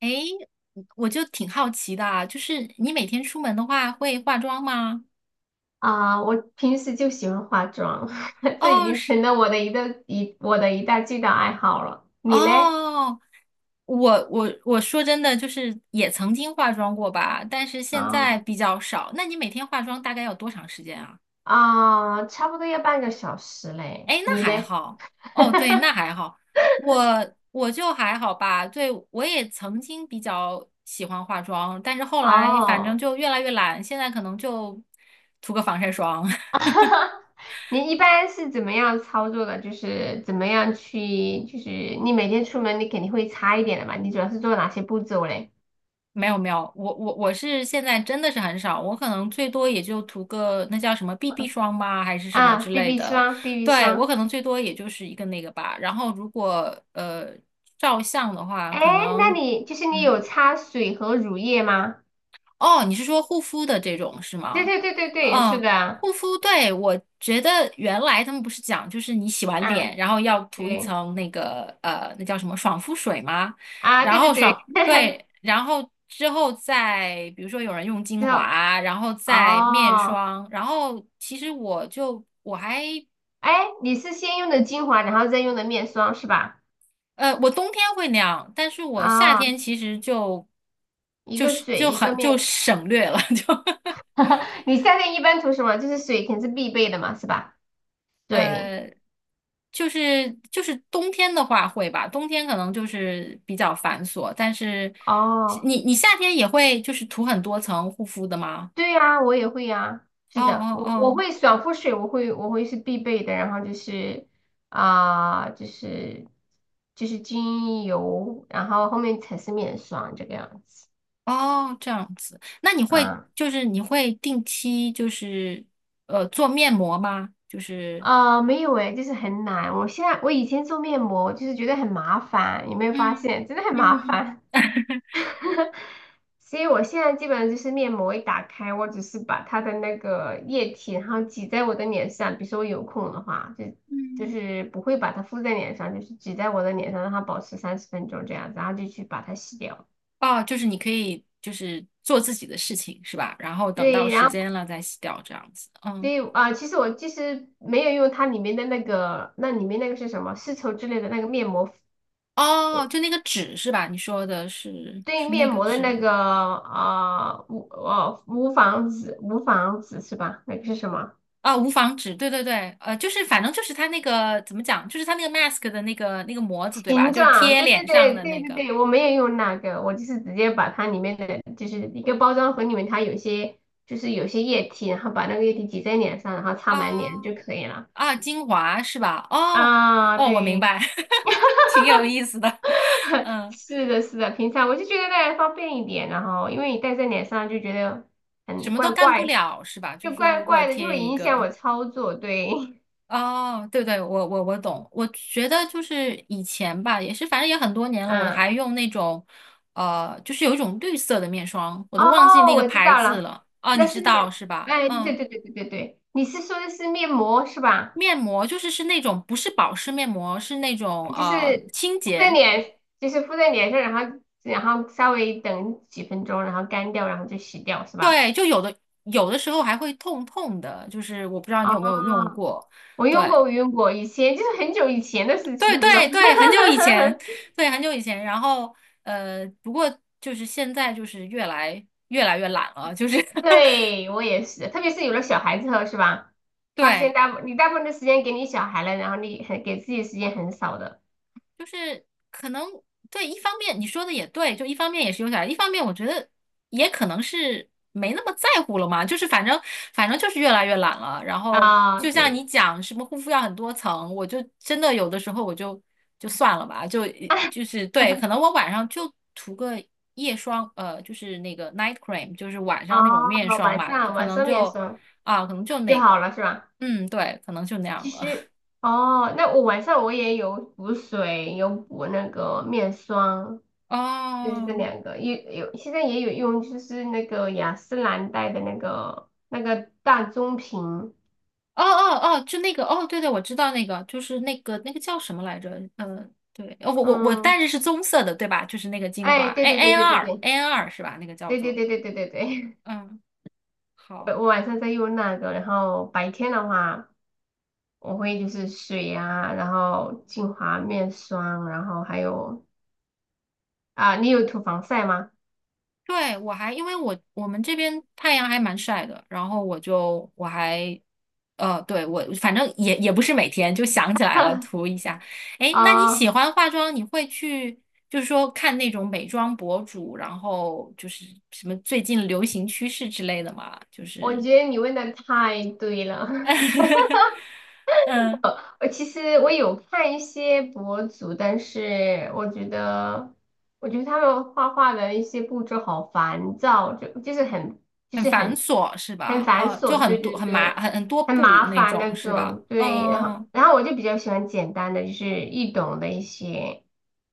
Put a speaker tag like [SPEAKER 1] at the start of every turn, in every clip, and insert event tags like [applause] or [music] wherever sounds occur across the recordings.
[SPEAKER 1] 诶，我就挺好奇的啊，就是你每天出门的话会化妆吗？
[SPEAKER 2] 我平时就喜欢化妆，[laughs] 这已
[SPEAKER 1] 哦，
[SPEAKER 2] 经
[SPEAKER 1] 是
[SPEAKER 2] 成了我的一个一我的最大爱好了。你嘞？
[SPEAKER 1] 哦，我说真的，就是也曾经化妆过吧，但是现
[SPEAKER 2] 啊，
[SPEAKER 1] 在比较少。那你每天化妆大概要多长时间啊？
[SPEAKER 2] 差不多要半个小时嘞。
[SPEAKER 1] 哎，那
[SPEAKER 2] 你
[SPEAKER 1] 还
[SPEAKER 2] 嘞？
[SPEAKER 1] 好。哦，对，那
[SPEAKER 2] [laughs]
[SPEAKER 1] 还好。我就还好吧，对，我也曾经比较喜欢化妆，但是后来反正
[SPEAKER 2] 哦，
[SPEAKER 1] 就越来越懒，现在可能就涂个防晒霜。[laughs]
[SPEAKER 2] [laughs] 你一般是怎么样操作的？就是怎么样去，就是你每天出门你肯定会擦一点的嘛。你主要是做哪些步骤嘞？
[SPEAKER 1] 没有没有，我是现在真的是很少，我可能最多也就涂个那叫什么 BB 霜吧，还是什么之类
[SPEAKER 2] BB
[SPEAKER 1] 的。
[SPEAKER 2] 霜，BB
[SPEAKER 1] 对，我
[SPEAKER 2] 霜。
[SPEAKER 1] 可能最多也就是一个那个吧。然后如果照相的话，
[SPEAKER 2] 哎，
[SPEAKER 1] 可
[SPEAKER 2] 那
[SPEAKER 1] 能。
[SPEAKER 2] 你就是你
[SPEAKER 1] 嗯。
[SPEAKER 2] 有擦水和乳液吗？
[SPEAKER 1] 哦，你是说护肤的这种是
[SPEAKER 2] 对
[SPEAKER 1] 吗？
[SPEAKER 2] 对对对对，是
[SPEAKER 1] 嗯，
[SPEAKER 2] 的。
[SPEAKER 1] 护肤，对，我觉得原来他们不是讲，就是你洗完
[SPEAKER 2] 嗯，
[SPEAKER 1] 脸，然后要涂一
[SPEAKER 2] 对
[SPEAKER 1] 层那个那叫什么爽肤水吗？
[SPEAKER 2] 啊，
[SPEAKER 1] 然
[SPEAKER 2] 对对
[SPEAKER 1] 后
[SPEAKER 2] 对，
[SPEAKER 1] 爽，
[SPEAKER 2] [laughs]
[SPEAKER 1] 对，然后之后再比如说有人用精
[SPEAKER 2] 之后，
[SPEAKER 1] 华，然后再面
[SPEAKER 2] 哦，
[SPEAKER 1] 霜，然后其实我就我还
[SPEAKER 2] 哎，你是先用的精华，然后再用的面霜是吧？
[SPEAKER 1] 我冬天会那样，但是我夏
[SPEAKER 2] 啊、
[SPEAKER 1] 天其实就
[SPEAKER 2] 一
[SPEAKER 1] 就
[SPEAKER 2] 个
[SPEAKER 1] 是
[SPEAKER 2] 水
[SPEAKER 1] 就
[SPEAKER 2] 一个
[SPEAKER 1] 很
[SPEAKER 2] 面
[SPEAKER 1] 就
[SPEAKER 2] 霜，
[SPEAKER 1] 省略了，[laughs] 就
[SPEAKER 2] [laughs] 你夏天一般涂什么？就是水肯定是必备的嘛，是吧？对，
[SPEAKER 1] 呃，就是冬天的话会吧，冬天可能就是比较繁琐，但是
[SPEAKER 2] 哦，
[SPEAKER 1] 你夏天也会就是涂很多层护肤的吗？
[SPEAKER 2] 对呀、我也会呀、
[SPEAKER 1] 哦
[SPEAKER 2] 是的，我
[SPEAKER 1] 哦
[SPEAKER 2] 会爽肤水，我会是必备的，然后就是啊、就是就是精油，然后后面才是面霜这个样子。
[SPEAKER 1] 哦哦，这样子，那你会
[SPEAKER 2] 啊。
[SPEAKER 1] 就是你会定期就是做面膜吗？就是
[SPEAKER 2] 没有诶，就是很难。我现在我以前做面膜就是觉得很麻烦，有没有发
[SPEAKER 1] 嗯
[SPEAKER 2] 现？真的很麻
[SPEAKER 1] 嗯
[SPEAKER 2] 烦。所以我现在基本上就是面膜一打开，我只是把它的那个液体，然后挤在我的脸上。比如说我有空的话，就就
[SPEAKER 1] 嗯，
[SPEAKER 2] 是不会把它敷在脸上，就是挤在我的脸上，让它保持30分钟这样子，然后就去把它洗掉。
[SPEAKER 1] 哦，就是你可以就是做自己的事情是吧？然后等到
[SPEAKER 2] 对，
[SPEAKER 1] 时
[SPEAKER 2] 然后
[SPEAKER 1] 间了再洗掉这样子，
[SPEAKER 2] 所
[SPEAKER 1] 嗯。
[SPEAKER 2] 以其实没有用它里面的那个，那里面那个是什么丝绸之类的那个面膜
[SPEAKER 1] 哦，就那个纸是吧？你说的是
[SPEAKER 2] 对
[SPEAKER 1] 是那
[SPEAKER 2] 面
[SPEAKER 1] 个
[SPEAKER 2] 膜的
[SPEAKER 1] 纸
[SPEAKER 2] 那
[SPEAKER 1] 吗？
[SPEAKER 2] 个无纺织是吧？那个是什么
[SPEAKER 1] 啊、无纺纸，对对对，就是反正就是它那个怎么讲，就是它那个 mask 的那个模子，对吧？
[SPEAKER 2] 形
[SPEAKER 1] 就是
[SPEAKER 2] 状？
[SPEAKER 1] 贴
[SPEAKER 2] 对对
[SPEAKER 1] 脸上
[SPEAKER 2] 对
[SPEAKER 1] 的
[SPEAKER 2] 对
[SPEAKER 1] 那
[SPEAKER 2] 对
[SPEAKER 1] 个
[SPEAKER 2] 对，我没有用那个，我就是直接把它里面的就是一个包装盒里面它有些液体，然后把那个液体挤在脸上，然后擦满脸就
[SPEAKER 1] 啊
[SPEAKER 2] 可以了。
[SPEAKER 1] 啊，精华是吧？哦
[SPEAKER 2] 啊，
[SPEAKER 1] 哦，我明
[SPEAKER 2] 对，
[SPEAKER 1] 白，[laughs] 挺有意思的，[laughs]
[SPEAKER 2] [laughs]
[SPEAKER 1] 嗯，
[SPEAKER 2] 是的，是的，平常我就觉得那样方便一点，然后因为你戴在脸上就觉得
[SPEAKER 1] 什
[SPEAKER 2] 很
[SPEAKER 1] 么都
[SPEAKER 2] 怪
[SPEAKER 1] 干不
[SPEAKER 2] 怪，
[SPEAKER 1] 了是吧？就是
[SPEAKER 2] 就
[SPEAKER 1] 说，
[SPEAKER 2] 怪
[SPEAKER 1] 如果
[SPEAKER 2] 怪的，就会
[SPEAKER 1] 贴一
[SPEAKER 2] 影响
[SPEAKER 1] 个。
[SPEAKER 2] 我操作，对。[laughs]
[SPEAKER 1] 哦，对对，我懂。我觉得就是以前吧，也是反正也很多年了，我
[SPEAKER 2] 嗯，
[SPEAKER 1] 还用那种，就是有一种绿色的面霜，我都忘记
[SPEAKER 2] 哦，
[SPEAKER 1] 那个
[SPEAKER 2] 我知
[SPEAKER 1] 牌
[SPEAKER 2] 道
[SPEAKER 1] 子
[SPEAKER 2] 了，
[SPEAKER 1] 了。哦，你
[SPEAKER 2] 那
[SPEAKER 1] 知
[SPEAKER 2] 是面，
[SPEAKER 1] 道是吧？
[SPEAKER 2] 哎，对对
[SPEAKER 1] 嗯，
[SPEAKER 2] 对对对对对，你是说的是面膜是吧？
[SPEAKER 1] 面膜就是那种不是保湿面膜，是那种
[SPEAKER 2] 就是
[SPEAKER 1] 清
[SPEAKER 2] 敷在
[SPEAKER 1] 洁。
[SPEAKER 2] 脸，就是敷在脸上，然后稍微等几分钟，然后干掉，然后就洗掉是吧？
[SPEAKER 1] 对，就有的时候还会痛痛的，就是我不知道你有没有用
[SPEAKER 2] 哦，
[SPEAKER 1] 过。
[SPEAKER 2] 我用
[SPEAKER 1] 对。
[SPEAKER 2] 过，我用过，以前就是很久以前的事
[SPEAKER 1] 对
[SPEAKER 2] 情，这种，
[SPEAKER 1] 对对，很久以前，
[SPEAKER 2] [laughs]
[SPEAKER 1] 对，很久以前。然后，不过就是现在就是越来越懒了，就是
[SPEAKER 2] 对，
[SPEAKER 1] [laughs]
[SPEAKER 2] 我也是，特别是有了小孩之后是吧？发现
[SPEAKER 1] 对，
[SPEAKER 2] 你大部分的时间给你小孩了，然后你很给自己的时间很少的，
[SPEAKER 1] 就是可能对，一方面你说的也对，就一方面也是有点儿，一方面我觉得也可能是没那么在乎了嘛，就是反正就是越来越懒了。然后
[SPEAKER 2] 啊，
[SPEAKER 1] 就像你
[SPEAKER 2] 对。
[SPEAKER 1] 讲什么护肤要很多层，我就真的有的时候我就算了吧，就是对，可能我晚上就涂个夜霜，就是那个 night cream，就是晚
[SPEAKER 2] 哦，
[SPEAKER 1] 上那种面霜
[SPEAKER 2] 晚
[SPEAKER 1] 吧，就
[SPEAKER 2] 上
[SPEAKER 1] 可
[SPEAKER 2] 晚
[SPEAKER 1] 能
[SPEAKER 2] 上面
[SPEAKER 1] 就
[SPEAKER 2] 霜
[SPEAKER 1] 啊，可能就
[SPEAKER 2] 就
[SPEAKER 1] 那
[SPEAKER 2] 好
[SPEAKER 1] 个，
[SPEAKER 2] 了是吧？
[SPEAKER 1] 嗯，对，可能就那样
[SPEAKER 2] 其
[SPEAKER 1] 了。
[SPEAKER 2] 实，哦，那我晚上我也有补水，有补那个面霜，
[SPEAKER 1] [laughs]
[SPEAKER 2] 就是这
[SPEAKER 1] 哦，
[SPEAKER 2] 两个，有现在也有用，就是那个雅诗兰黛的那个那个大棕瓶，
[SPEAKER 1] 哦哦哦，就那个哦，对对，我知道那个，就是那个叫什么来着？嗯、对，哦我戴
[SPEAKER 2] 嗯，
[SPEAKER 1] 着是棕色的，对吧？就是那个精华
[SPEAKER 2] 哎，对
[SPEAKER 1] ，A
[SPEAKER 2] 对对
[SPEAKER 1] N
[SPEAKER 2] 对对
[SPEAKER 1] 二
[SPEAKER 2] 对
[SPEAKER 1] N 二是吧？那个叫
[SPEAKER 2] 对对
[SPEAKER 1] 做，
[SPEAKER 2] 对对对对对，
[SPEAKER 1] 嗯，
[SPEAKER 2] [laughs] 我
[SPEAKER 1] 好，
[SPEAKER 2] 晚上在用那个，然后白天的话我会就是水啊，然后精华面霜，然后还有啊，你有涂防晒吗？
[SPEAKER 1] 对我还因为我们这边太阳还蛮晒的，然后我就我还对我反正也不是每天就想起来了涂一下。哎，那你
[SPEAKER 2] 啊，
[SPEAKER 1] 喜欢化妆，你会去？就是说，看那种美妆博主，然后就是什么最近流行趋势之类的吗？就
[SPEAKER 2] 我
[SPEAKER 1] 是
[SPEAKER 2] 觉得你问的太对了，[laughs]
[SPEAKER 1] [laughs] 嗯，
[SPEAKER 2] 我其实我有看一些博主，但是我觉得，他们画画的一些步骤好烦躁，就就是很就
[SPEAKER 1] 很
[SPEAKER 2] 是
[SPEAKER 1] 繁
[SPEAKER 2] 很
[SPEAKER 1] 琐是
[SPEAKER 2] 很
[SPEAKER 1] 吧？
[SPEAKER 2] 繁
[SPEAKER 1] 哦，就
[SPEAKER 2] 琐，
[SPEAKER 1] 很
[SPEAKER 2] 对
[SPEAKER 1] 多
[SPEAKER 2] 对
[SPEAKER 1] 很麻
[SPEAKER 2] 对，
[SPEAKER 1] 很很多
[SPEAKER 2] 很
[SPEAKER 1] 步
[SPEAKER 2] 麻
[SPEAKER 1] 那
[SPEAKER 2] 烦那
[SPEAKER 1] 种是吧？
[SPEAKER 2] 种，对。然后
[SPEAKER 1] 嗯，
[SPEAKER 2] 然后我就比较喜欢简单的，就是易懂的一些。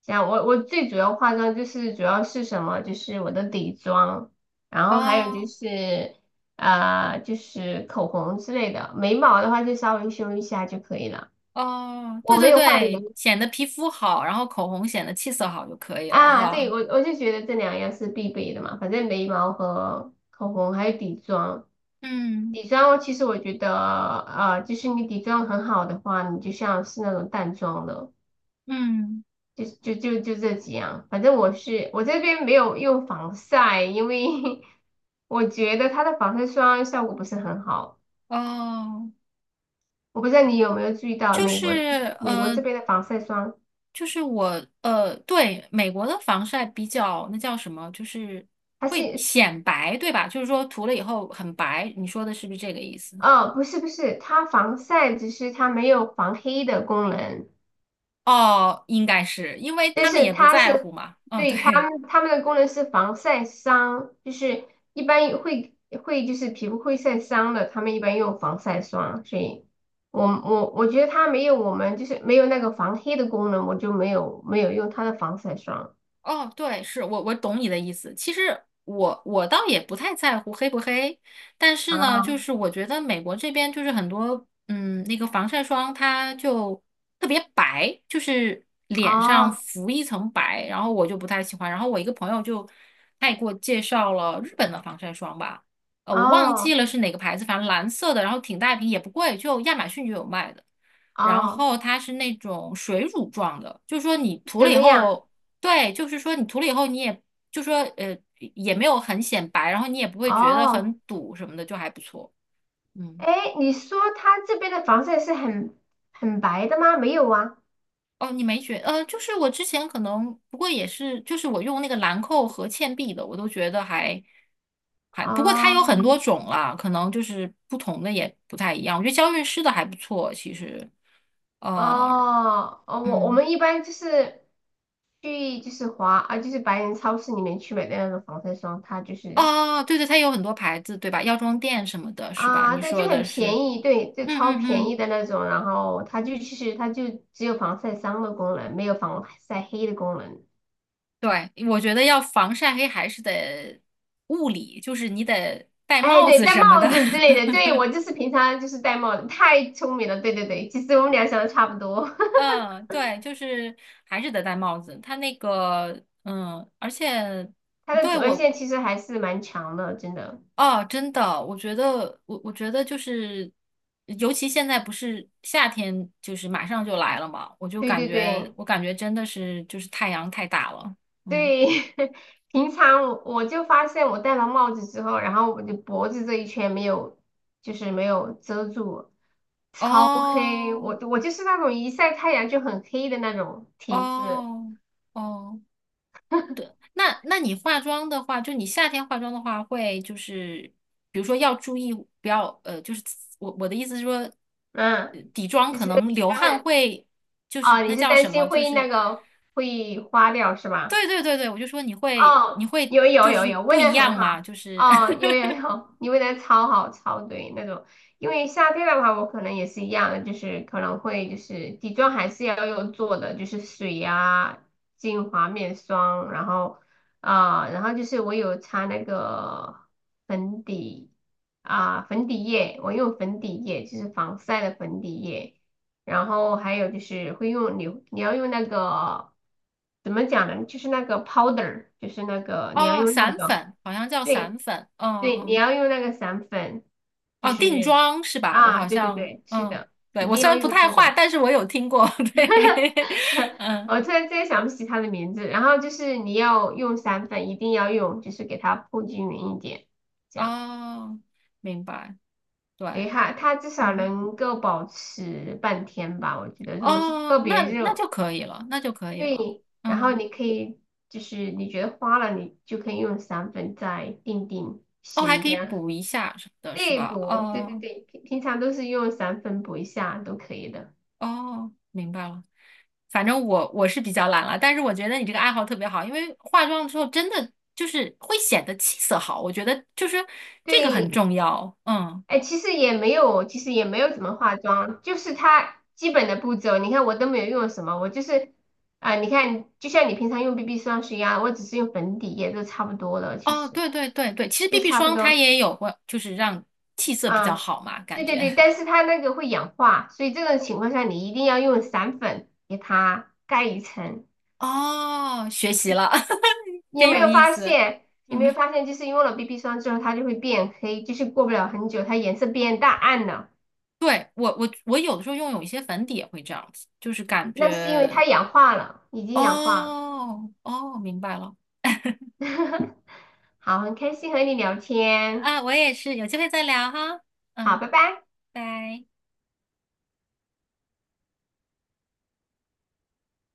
[SPEAKER 2] 像我最主要化妆就是主要是什么，就是我的底妆，然后还有就
[SPEAKER 1] 哦
[SPEAKER 2] 是。就是口红之类的，眉毛的话就稍微修一下就可以了。
[SPEAKER 1] 哦，
[SPEAKER 2] 我
[SPEAKER 1] 对
[SPEAKER 2] 没
[SPEAKER 1] 对
[SPEAKER 2] 有画眼，
[SPEAKER 1] 对，显得皮肤好，然后口红显得气色好就可以了
[SPEAKER 2] 啊，对，
[SPEAKER 1] 哈。
[SPEAKER 2] 我就觉得这两样是必备的嘛，反正眉毛和口红还有底妆。
[SPEAKER 1] 嗯
[SPEAKER 2] 底妆其实我觉得，就是你底妆很好的话，你就像是那种淡妆了，
[SPEAKER 1] 嗯，
[SPEAKER 2] 就这几样。反正我这边没有用防晒，因为 [laughs] 我觉得它的防晒霜效果不是很好。
[SPEAKER 1] 哦，
[SPEAKER 2] 我不知道你有没有注意到
[SPEAKER 1] 就是
[SPEAKER 2] 美国这
[SPEAKER 1] 呃，
[SPEAKER 2] 边的防晒霜，
[SPEAKER 1] 就是我对，美国的防晒比较那叫什么，就是
[SPEAKER 2] 它
[SPEAKER 1] 会
[SPEAKER 2] 是，
[SPEAKER 1] 显白，对吧？就是说涂了以后很白，你说的是不是这个意思？
[SPEAKER 2] 哦，不是不是，它防晒只是它没有防黑的功能，
[SPEAKER 1] 哦，应该是因为
[SPEAKER 2] 但
[SPEAKER 1] 他们
[SPEAKER 2] 是
[SPEAKER 1] 也不
[SPEAKER 2] 它
[SPEAKER 1] 在
[SPEAKER 2] 是，
[SPEAKER 1] 乎嘛。哦，
[SPEAKER 2] 对，它
[SPEAKER 1] 对。
[SPEAKER 2] 们它们的功能是防晒伤，就是一般也会就是皮肤会晒伤的，他们一般用防晒霜，所以我觉得它没有我们就是没有那个防黑的功能，我就没有用它的防晒霜，
[SPEAKER 1] 哦，对，是我懂你的意思。其实我倒也不太在乎黑不黑，但是呢，就
[SPEAKER 2] 啊，
[SPEAKER 1] 是我觉得美国这边就是很多那个防晒霜它就特别白，就是脸上
[SPEAKER 2] 哦
[SPEAKER 1] 浮一层白，然后我就不太喜欢。然后我一个朋友就他也给我介绍了日本的防晒霜吧，我忘
[SPEAKER 2] 哦
[SPEAKER 1] 记了是哪个牌子，反正蓝色的，然后挺大一瓶，也不贵，就亚马逊就有卖的。然
[SPEAKER 2] 哦，
[SPEAKER 1] 后它是那种水乳状的，就是说你涂
[SPEAKER 2] 怎
[SPEAKER 1] 了以
[SPEAKER 2] 么样？
[SPEAKER 1] 后。对，就是说你涂了以后，你也就说也没有很显白，然后你也不会觉得
[SPEAKER 2] 哦，
[SPEAKER 1] 很堵什么的，就还不错。嗯，
[SPEAKER 2] 哎，你说它这边的防晒是很白的吗？没有啊。
[SPEAKER 1] 哦，你没觉呃，就是我之前可能不过也是，就是我用那个兰蔻和倩碧的，我都觉得还，不过它
[SPEAKER 2] 哦
[SPEAKER 1] 有很多种啦，可能就是不同的也不太一样。我觉得娇韵诗的还不错，其实，呃，
[SPEAKER 2] 哦哦，我
[SPEAKER 1] 嗯，
[SPEAKER 2] 们一般就是去就是华啊，就是白人超市里面去买的那种防晒霜，它就是
[SPEAKER 1] 哦，对对，它有很多牌子，对吧？药妆店什么的，是吧？
[SPEAKER 2] 啊，
[SPEAKER 1] 你
[SPEAKER 2] 对，
[SPEAKER 1] 说
[SPEAKER 2] 就很
[SPEAKER 1] 的是，
[SPEAKER 2] 便宜，对，就
[SPEAKER 1] 嗯
[SPEAKER 2] 超
[SPEAKER 1] 嗯
[SPEAKER 2] 便
[SPEAKER 1] 嗯。
[SPEAKER 2] 宜的那种，然后它就其实它就只有防晒伤的功能，没有防晒黑的功能。
[SPEAKER 1] 对，我觉得要防晒黑还是得物理，就是你得戴
[SPEAKER 2] 哎，
[SPEAKER 1] 帽
[SPEAKER 2] 对，
[SPEAKER 1] 子
[SPEAKER 2] 戴
[SPEAKER 1] 什么的。
[SPEAKER 2] 帽子之类的，
[SPEAKER 1] [laughs]
[SPEAKER 2] 对，我就是平常就是戴帽子，太聪明了，对对对，其实我们俩想的差不多，
[SPEAKER 1] 嗯，对，就是还是得戴帽子。它那个，嗯，而且
[SPEAKER 2] [laughs] 它的
[SPEAKER 1] 对
[SPEAKER 2] 紫外
[SPEAKER 1] 我，
[SPEAKER 2] 线其实还是蛮强的，真的，
[SPEAKER 1] 哦，真的，我觉得，我觉得就是，尤其现在不是夏天，就是马上就来了嘛，我就
[SPEAKER 2] 对
[SPEAKER 1] 感
[SPEAKER 2] 对
[SPEAKER 1] 觉，
[SPEAKER 2] 对。
[SPEAKER 1] 我感觉真的是就是太阳太大了。嗯，
[SPEAKER 2] 对，[laughs] 平常我就发现我戴了帽子之后，然后我的脖子这一圈没有，就是没有遮住，超黑。
[SPEAKER 1] 哦，
[SPEAKER 2] 我就是那种一晒太阳就很黑的那种体质，
[SPEAKER 1] 哦，哦。那你化妆的话，就你夏天化妆的话，会就是比如说要注意不要就是我的意思是说，
[SPEAKER 2] 嗯，
[SPEAKER 1] 底妆
[SPEAKER 2] 就
[SPEAKER 1] 可
[SPEAKER 2] 是
[SPEAKER 1] 能流汗
[SPEAKER 2] 很，
[SPEAKER 1] 会就是
[SPEAKER 2] 啊，
[SPEAKER 1] 那
[SPEAKER 2] 你是
[SPEAKER 1] 叫
[SPEAKER 2] 担
[SPEAKER 1] 什
[SPEAKER 2] 心
[SPEAKER 1] 么，就
[SPEAKER 2] 会
[SPEAKER 1] 是
[SPEAKER 2] 那个会花掉是吧？
[SPEAKER 1] 对对对对，我就说你会你
[SPEAKER 2] 哦，
[SPEAKER 1] 会
[SPEAKER 2] 有有
[SPEAKER 1] 就
[SPEAKER 2] 有
[SPEAKER 1] 是
[SPEAKER 2] 有，
[SPEAKER 1] 不
[SPEAKER 2] 问的
[SPEAKER 1] 一样
[SPEAKER 2] 很好。
[SPEAKER 1] 嘛，就是
[SPEAKER 2] 哦，有有有，你问的超好超对那种。因为夏天的话，我可能也是一样的，就是可能会就是底妆还是要用做的，就是水呀、精华、面霜，然后然后就是我有擦那个粉底粉底液，我用粉底液，就是防晒的粉底液。然后还有就是会用你要用那个怎么讲呢？就是那个 powder,就是那
[SPEAKER 1] [laughs]
[SPEAKER 2] 个你要
[SPEAKER 1] 哦
[SPEAKER 2] 用那
[SPEAKER 1] 散
[SPEAKER 2] 个
[SPEAKER 1] 粉好像叫散
[SPEAKER 2] 对
[SPEAKER 1] 粉，嗯
[SPEAKER 2] 对，你
[SPEAKER 1] 嗯
[SPEAKER 2] 要用那个散粉，就
[SPEAKER 1] 哦定
[SPEAKER 2] 是
[SPEAKER 1] 妆是吧？我
[SPEAKER 2] 啊，
[SPEAKER 1] 好
[SPEAKER 2] 对对
[SPEAKER 1] 像
[SPEAKER 2] 对，是
[SPEAKER 1] 嗯
[SPEAKER 2] 的，
[SPEAKER 1] 对
[SPEAKER 2] 一
[SPEAKER 1] 我
[SPEAKER 2] 定
[SPEAKER 1] 虽
[SPEAKER 2] 要
[SPEAKER 1] 然不
[SPEAKER 2] 用
[SPEAKER 1] 太
[SPEAKER 2] 这
[SPEAKER 1] 化，
[SPEAKER 2] 个。
[SPEAKER 1] 但是我有听过，[laughs] 对 [laughs]
[SPEAKER 2] [laughs]
[SPEAKER 1] 嗯
[SPEAKER 2] 我突然之间想不起它的名字。然后就是你要用散粉，一定要用，就是给它铺均匀一点，这样。
[SPEAKER 1] 哦明白
[SPEAKER 2] 对，
[SPEAKER 1] 对
[SPEAKER 2] 它它至少
[SPEAKER 1] 嗯。
[SPEAKER 2] 能够保持半天吧，我觉得。如果是特
[SPEAKER 1] 哦，
[SPEAKER 2] 别
[SPEAKER 1] 那
[SPEAKER 2] 热。
[SPEAKER 1] 就可以了，那就可以了。
[SPEAKER 2] 对，然后
[SPEAKER 1] 嗯，
[SPEAKER 2] 你可以就是你觉得花了，你就可以用散粉再定定
[SPEAKER 1] 哦，还
[SPEAKER 2] 型
[SPEAKER 1] 可
[SPEAKER 2] 这
[SPEAKER 1] 以
[SPEAKER 2] 样。
[SPEAKER 1] 补一下什么的，是
[SPEAKER 2] 对
[SPEAKER 1] 吧？
[SPEAKER 2] 补，对对
[SPEAKER 1] 哦
[SPEAKER 2] 对，平常都是用散粉补一下都可以的。
[SPEAKER 1] 哦，明白了。反正我是比较懒了，但是我觉得你这个爱好特别好，因为化妆之后真的就是会显得气色好，我觉得就是这个很
[SPEAKER 2] 对，
[SPEAKER 1] 重要。嗯，
[SPEAKER 2] 哎，其实也没有，其实也没有怎么化妆，就是它基本的步骤，你看我都没有用什么，我就是你看就像你平常用 BB 霜是一样，我只是用粉底液都差不多了，其
[SPEAKER 1] 哦，
[SPEAKER 2] 实
[SPEAKER 1] 对对对对，其实
[SPEAKER 2] 就
[SPEAKER 1] BB
[SPEAKER 2] 差不
[SPEAKER 1] 霜它
[SPEAKER 2] 多。
[SPEAKER 1] 也有过，就是让气色比较
[SPEAKER 2] 啊，
[SPEAKER 1] 好嘛，感
[SPEAKER 2] 对对
[SPEAKER 1] 觉。
[SPEAKER 2] 对，但是它那个会氧化，所以这种情况下你一定要用散粉给它盖一层。
[SPEAKER 1] [laughs] 哦，学习了，[laughs]
[SPEAKER 2] 你
[SPEAKER 1] 真
[SPEAKER 2] 有没
[SPEAKER 1] 有
[SPEAKER 2] 有
[SPEAKER 1] 意
[SPEAKER 2] 发
[SPEAKER 1] 思。
[SPEAKER 2] 现？有没有
[SPEAKER 1] 嗯。
[SPEAKER 2] 发现，就是用了 BB 霜之后，它就会变黑，就是过不了很久，它颜色变淡暗了。
[SPEAKER 1] 对，我有的时候用有一些粉底也会这样子，就是感
[SPEAKER 2] 那是因为它
[SPEAKER 1] 觉
[SPEAKER 2] 氧化了，已经氧化了。
[SPEAKER 1] 哦哦，明白了
[SPEAKER 2] [laughs] 好，很开心和你聊天，
[SPEAKER 1] 啊，我也是，有机会再聊哈，
[SPEAKER 2] 好，
[SPEAKER 1] 嗯，
[SPEAKER 2] 拜拜。
[SPEAKER 1] 拜。